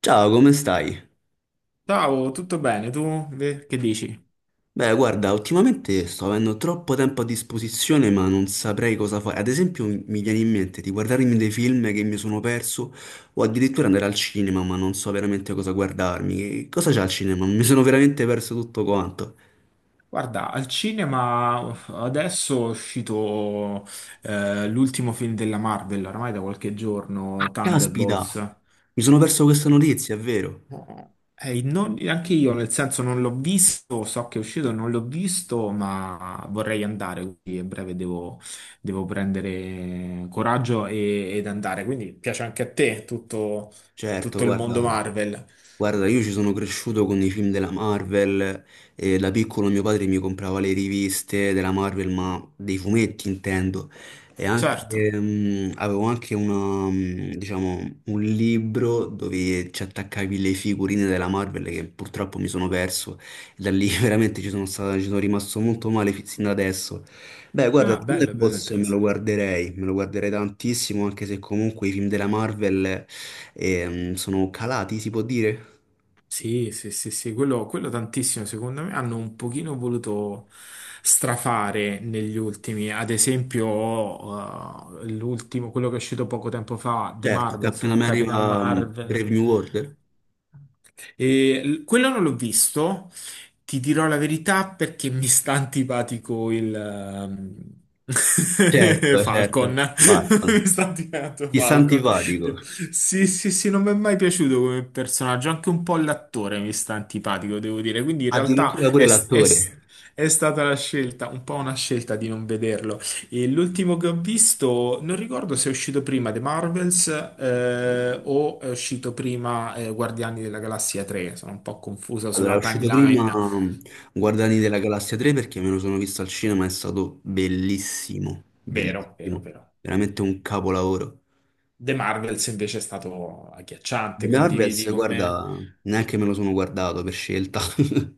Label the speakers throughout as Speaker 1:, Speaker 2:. Speaker 1: Ciao, come stai?
Speaker 2: Ciao, tutto bene? Tu che dici?
Speaker 1: Beh, guarda, ultimamente sto avendo troppo tempo a disposizione, ma non saprei cosa fare. Ad esempio, mi viene in mente di guardarmi dei film che mi sono perso, o addirittura andare al cinema, ma non so veramente cosa guardarmi. Che cosa c'è al cinema? Mi sono veramente perso tutto quanto.
Speaker 2: Guarda, al cinema uff, adesso è uscito l'ultimo film della Marvel, oramai da qualche giorno,
Speaker 1: Caspita,
Speaker 2: Thunderbolts.
Speaker 1: mi sono perso questa notizia, è vero?
Speaker 2: Anche io, nel senso, non l'ho visto, so che è uscito, non l'ho visto, ma vorrei andare, quindi a breve devo prendere ed andare. Quindi piace anche a te
Speaker 1: Certo,
Speaker 2: tutto il mondo
Speaker 1: guarda,
Speaker 2: Marvel.
Speaker 1: guarda, io ci sono cresciuto con i film della Marvel e da piccolo mio padre mi comprava le riviste della Marvel, ma dei fumetti intendo, e anche,
Speaker 2: Certo.
Speaker 1: avevo anche una, diciamo, un libro dove ci attaccavi le figurine della Marvel che purtroppo mi sono perso, e da lì veramente ci sono stato, ci sono rimasto molto male sin da adesso. Beh, guarda,
Speaker 2: Ah, bello, bello,
Speaker 1: Thunderbolts
Speaker 2: interessante.
Speaker 1: me lo guarderei tantissimo, anche se comunque i film della Marvel sono calati, si può dire?
Speaker 2: Sì, sì, sì, sì, quello tantissimo, secondo me hanno un pochino voluto strafare negli ultimi, ad esempio l'ultimo, quello che è uscito poco tempo fa, The
Speaker 1: Certo,
Speaker 2: Marvels
Speaker 1: Captain
Speaker 2: con Capitan
Speaker 1: America,
Speaker 2: Marvel.
Speaker 1: Brave New World?
Speaker 2: Quello non l'ho visto, ti dirò la verità perché mi sta antipatico il
Speaker 1: Certo,
Speaker 2: Falcon.
Speaker 1: certo, Batman.
Speaker 2: Mi sta antipatico
Speaker 1: Ti sta
Speaker 2: Falcon.
Speaker 1: antipatico.
Speaker 2: Sì, sì, sì, non mi è mai piaciuto come personaggio. Anche un po' l'attore mi sta antipatico, devo dire. Quindi in realtà
Speaker 1: Addirittura pure l'attore.
Speaker 2: è stata la scelta, un po' una scelta di non vederlo. E l'ultimo che ho visto, non ricordo se è uscito prima The Marvels o è uscito prima Guardiani della Galassia 3. Sono un po' confusa
Speaker 1: Allora, è
Speaker 2: sulla
Speaker 1: uscito prima
Speaker 2: timeline.
Speaker 1: Guardiani della Galassia 3 perché me lo sono visto al cinema, è stato bellissimo,
Speaker 2: Vero, vero,
Speaker 1: bellissimo,
Speaker 2: vero.
Speaker 1: veramente un capolavoro.
Speaker 2: The Marvels invece è stato
Speaker 1: The
Speaker 2: agghiacciante,
Speaker 1: Marvels,
Speaker 2: condividi con me?
Speaker 1: guarda, neanche me lo sono guardato per scelta.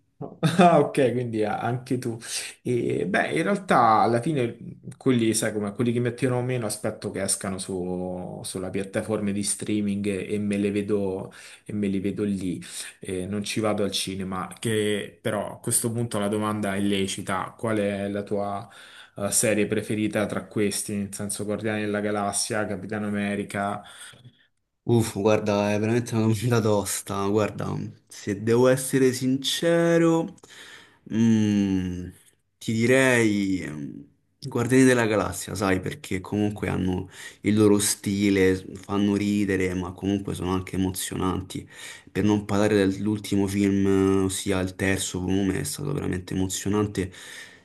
Speaker 2: Ah, ok, quindi anche tu. E, beh, in realtà alla fine quelli, sai come, quelli che mi attirano meno aspetto che escano sulla piattaforma di streaming e me le vedo, e me li vedo lì. E non ci vado al cinema, che però a questo punto la domanda è lecita. Qual è la tua serie preferita tra questi? Nel senso Guardiani della Galassia, Capitano America...
Speaker 1: Uff, guarda, è veramente una domanda tosta. Guarda, se devo essere sincero, mm, ti direi mm, i Guardiani della Galassia, sai, perché comunque hanno il loro stile, fanno ridere, ma comunque sono anche emozionanti. Per non parlare dell'ultimo film, ossia il terzo volume, è stato veramente emozionante.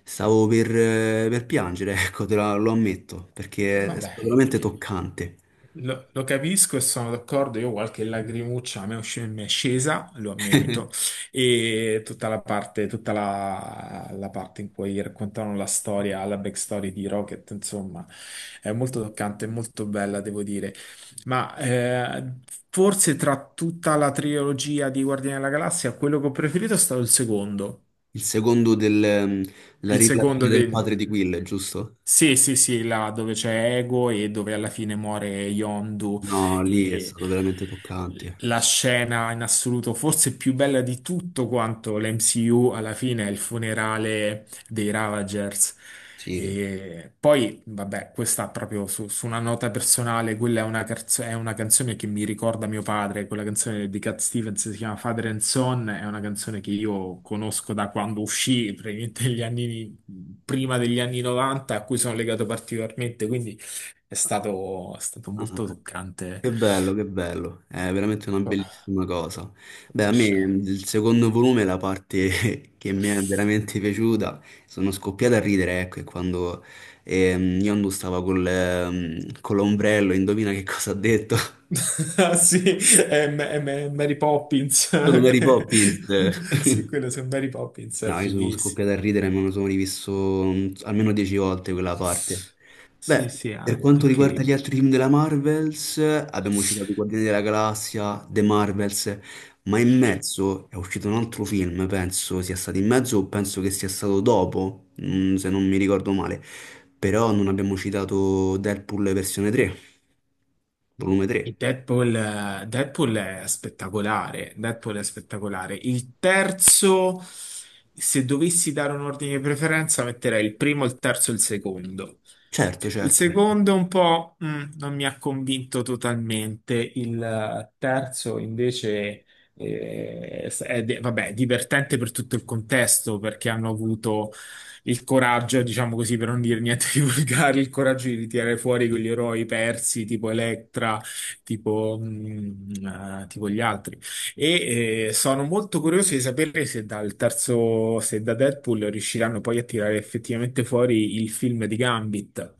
Speaker 1: Stavo per piangere, ecco, lo ammetto, perché è
Speaker 2: Vabbè,
Speaker 1: stato veramente toccante.
Speaker 2: lo capisco e sono d'accordo. Io qualche lagrimuccia a me è mi è scesa, lo ammetto, e tutta la parte, la parte in cui raccontano la storia, la backstory di Rocket, insomma, è molto toccante, molto bella, devo dire. Ma forse tra tutta la trilogia di Guardiani della Galassia, quello che ho preferito è stato il secondo.
Speaker 1: Il secondo del, la
Speaker 2: Il secondo
Speaker 1: rivelazione del padre di
Speaker 2: dei...
Speaker 1: Will, giusto?
Speaker 2: Sì, sì, sì, là dove c'è Ego e dove alla fine muore Yondu.
Speaker 1: No, lì è
Speaker 2: E
Speaker 1: stato veramente toccante.
Speaker 2: la scena in assoluto, forse più bella di tutto quanto l'MCU, alla fine è il funerale dei Ravagers.
Speaker 1: Sì.
Speaker 2: E poi, vabbè, questa proprio su una nota personale, quella è è una canzone che mi ricorda mio padre, quella canzone di Cat Stevens si chiama Father and Son, è una canzone che io conosco da quando uscì, prima degli anni 90, a cui sono legato particolarmente, quindi è stato
Speaker 1: Ah,
Speaker 2: molto toccante.
Speaker 1: che bello, che bello. È veramente una
Speaker 2: Oh,
Speaker 1: bellissima cosa. Beh,
Speaker 2: come
Speaker 1: a me
Speaker 2: scena.
Speaker 1: il secondo volume, la parte che mi è veramente piaciuta, sono scoppiato a ridere, ecco, è quando Yondu stava col, con l'ombrello, indovina che cosa ha detto?
Speaker 2: Ah, sì, è Mary Poppins.
Speaker 1: Sono Mary
Speaker 2: che-
Speaker 1: Poppins.
Speaker 2: Sì, quello su Mary Poppins è
Speaker 1: No, io sono
Speaker 2: fighissimo.
Speaker 1: scoppiato a ridere, me lo sono rivisto mm, almeno dieci volte quella parte.
Speaker 2: Sì,
Speaker 1: Beh,
Speaker 2: sì,
Speaker 1: per
Speaker 2: ah,
Speaker 1: quanto
Speaker 2: anche
Speaker 1: riguarda gli
Speaker 2: io.
Speaker 1: altri film della Marvels, abbiamo citato i Guardiani della Galassia, The Marvels, ma in mezzo è uscito un altro film, penso sia stato in mezzo o penso che sia stato dopo, mm, se non mi ricordo male. Però non abbiamo citato Deadpool versione 3, volume
Speaker 2: E
Speaker 1: 3.
Speaker 2: Deadpool, Deadpool è spettacolare. Deadpool è spettacolare. Il terzo, se dovessi dare un ordine di preferenza, metterei il primo, il terzo e il secondo.
Speaker 1: Certo,
Speaker 2: Il
Speaker 1: certo.
Speaker 2: secondo un po' non mi ha convinto totalmente, il terzo invece divertente per tutto il contesto perché hanno avuto il coraggio, diciamo così, per non dire niente di volgare, il coraggio di ritirare fuori quegli eroi persi tipo Electra, tipo gli altri. Sono molto curioso di sapere se dal terzo, se da Deadpool riusciranno poi a tirare effettivamente fuori il film di Gambit.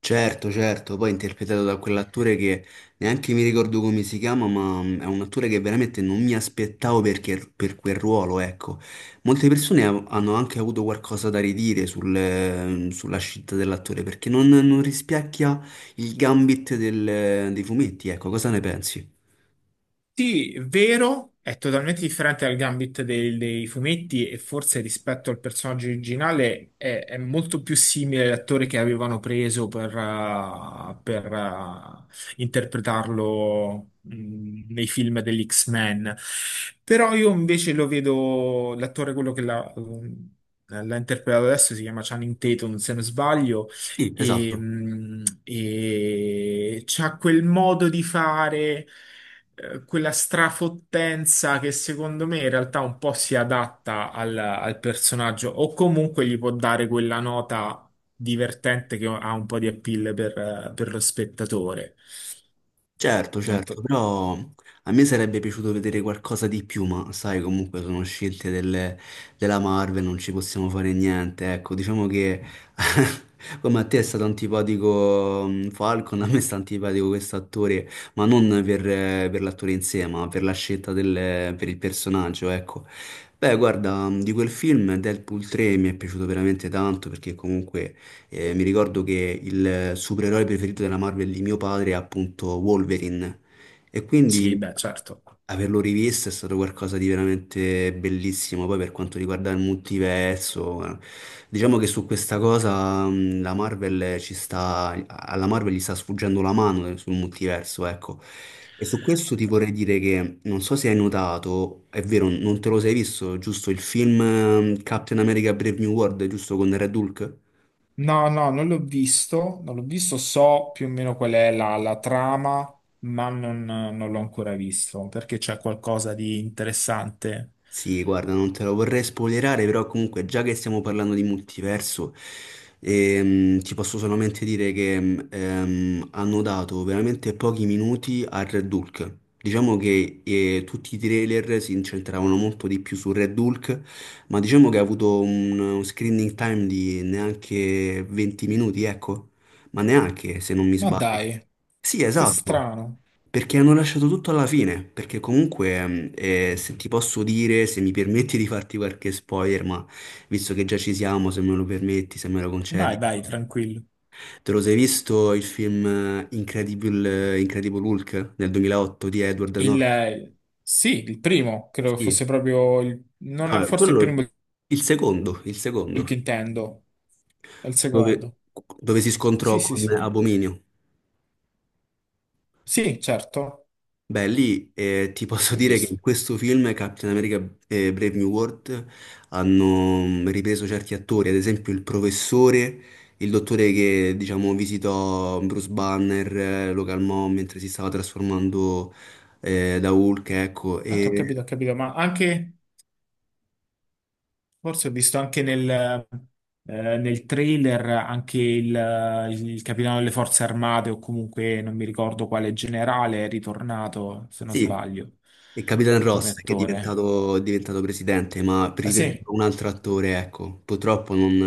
Speaker 1: Certo, certo, poi interpretato da quell'attore che neanche mi ricordo come si chiama, ma mm, è un attore che veramente non mi aspettavo perché, per quel ruolo, ecco. Molte persone hanno anche avuto qualcosa da ridire sul, sulla scelta dell'attore perché non, non rispecchia il gambit dei fumetti, ecco, cosa ne pensi?
Speaker 2: Sì, vero, è totalmente differente dal Gambit dei fumetti e forse rispetto al personaggio originale è molto più simile all'attore che avevano preso per interpretarlo, nei film degli X-Men. Però io invece lo vedo, l'attore quello che l'ha interpretato adesso si chiama Channing Tatum, se non sbaglio,
Speaker 1: Sì, esatto.
Speaker 2: e c'ha quel modo di fare quella strafottenza che secondo me in realtà un po' si adatta al personaggio o comunque gli può dare quella nota divertente che ha un po' di appeal per lo spettatore.
Speaker 1: Certo,
Speaker 2: Non
Speaker 1: certo,
Speaker 2: to-
Speaker 1: però a me sarebbe piaciuto vedere qualcosa di più, ma sai, comunque sono scelte della Marvel, non ci possiamo fare niente. Ecco, diciamo che come a te è stato antipatico mm, Falcon, a me sta antipatico questo attore, ma non per, per l'attore in sé, ma per la scelta del, per il personaggio, ecco. Beh, guarda, mm, di quel film Deadpool 3 mi è piaciuto veramente tanto perché comunque mi ricordo che il supereroe preferito della Marvel di mio padre è appunto Wolverine e
Speaker 2: Sì,
Speaker 1: quindi
Speaker 2: beh, certo.
Speaker 1: averlo rivisto è stato qualcosa di veramente bellissimo. Poi per quanto riguarda il multiverso, diciamo che su questa cosa la Marvel ci sta, alla Marvel gli sta sfuggendo la mano sul multiverso, ecco. E su questo ti vorrei dire che non so se hai notato, è vero, non te lo sei visto, giusto il film Captain America Brave New World, giusto con Red Hulk?
Speaker 2: No, no, non l'ho visto, non l'ho visto, so più o meno qual è la trama, ma non l'ho ancora visto perché c'è qualcosa di interessante.
Speaker 1: Sì, guarda, non te lo vorrei spoilerare, però comunque già che stiamo parlando di multiverso, ti posso solamente dire che hanno dato veramente pochi minuti a Red Hulk. Diciamo che tutti i trailer si incentravano molto di più su Red Hulk, ma diciamo che ha avuto un screening time di neanche 20 minuti, ecco, ma neanche se non mi
Speaker 2: Ma
Speaker 1: sbaglio.
Speaker 2: dai,
Speaker 1: Sì,
Speaker 2: che
Speaker 1: esatto.
Speaker 2: strano.
Speaker 1: Perché hanno lasciato tutto alla fine, perché comunque, se ti posso dire, se mi permetti di farti qualche spoiler, ma visto che già ci siamo, se me lo permetti, se me lo
Speaker 2: Vai,
Speaker 1: concedi,
Speaker 2: vai,
Speaker 1: ecco.
Speaker 2: tranquillo.
Speaker 1: Te lo sei visto il film Incredible Hulk del 2008 di Edward Norton?
Speaker 2: Sì, il primo, credo che fosse
Speaker 1: Sì.
Speaker 2: proprio il, non
Speaker 1: No,
Speaker 2: è forse il primo
Speaker 1: quello,
Speaker 2: il
Speaker 1: il secondo,
Speaker 2: che intendo, è il
Speaker 1: dove,
Speaker 2: secondo.
Speaker 1: dove si
Speaker 2: Sì,
Speaker 1: scontrò
Speaker 2: sì,
Speaker 1: con
Speaker 2: sì.
Speaker 1: Abominio.
Speaker 2: Sì, certo,
Speaker 1: Beh, lì ti posso
Speaker 2: l'ho
Speaker 1: dire che
Speaker 2: visto.
Speaker 1: in questo film Captain America e Brave New World hanno mm, ripreso certi attori, ad esempio il professore, il dottore che diciamo visitò Bruce Banner, lo calmò mentre si stava trasformando da Hulk, ecco,
Speaker 2: Certo,
Speaker 1: e
Speaker 2: ho capito, ma anche, forse ho visto anche nel trailer anche il capitano delle forze armate o comunque non mi ricordo quale generale è ritornato, se non
Speaker 1: sì,
Speaker 2: sbaglio,
Speaker 1: e Capitan
Speaker 2: come
Speaker 1: Ross che
Speaker 2: attore.
Speaker 1: è diventato presidente, ma
Speaker 2: Ah, sì?
Speaker 1: riprendendo un altro attore, ecco, purtroppo non,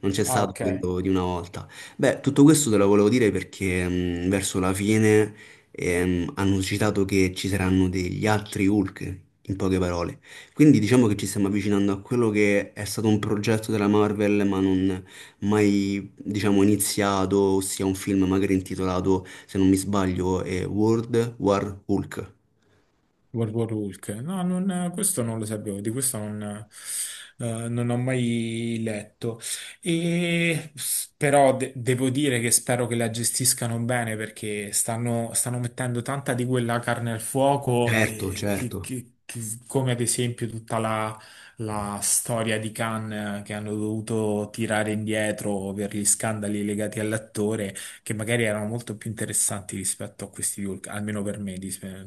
Speaker 1: non c'è
Speaker 2: Ah,
Speaker 1: stato
Speaker 2: ok.
Speaker 1: quello di una volta. Beh, tutto questo te lo volevo dire perché verso la fine hanno citato che ci saranno degli altri Hulk, in poche parole. Quindi diciamo che ci stiamo avvicinando a quello che è stato un progetto della Marvel, ma non mai, diciamo, iniziato, ossia un film magari intitolato, se non mi sbaglio, è World War Hulk.
Speaker 2: World War Hulk. No, questo non lo sapevo, di questo non ho mai letto. Però devo dire che spero che la gestiscano bene perché stanno mettendo tanta di quella carne al fuoco,
Speaker 1: Certo,
Speaker 2: come ad esempio tutta la storia di Khan che hanno dovuto tirare indietro per gli scandali legati all'attore che magari erano molto più interessanti rispetto a questi di Hulk, almeno per me.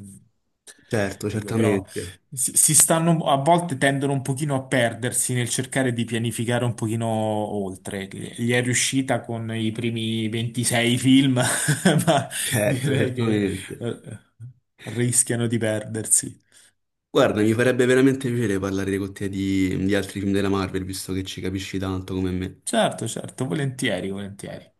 Speaker 1: certo,
Speaker 2: Dico, però
Speaker 1: certamente,
Speaker 2: si stanno a volte tendono un pochino a perdersi nel cercare di pianificare un pochino oltre. Gli è riuscita con i primi 26 film, ma
Speaker 1: certo,
Speaker 2: direi che
Speaker 1: certamente.
Speaker 2: eh, rischiano di perdersi.
Speaker 1: Guarda, mi farebbe veramente piacere parlare con te di altri film della Marvel, visto che ci capisci tanto come me.
Speaker 2: Certo, certo, volentieri, volentieri.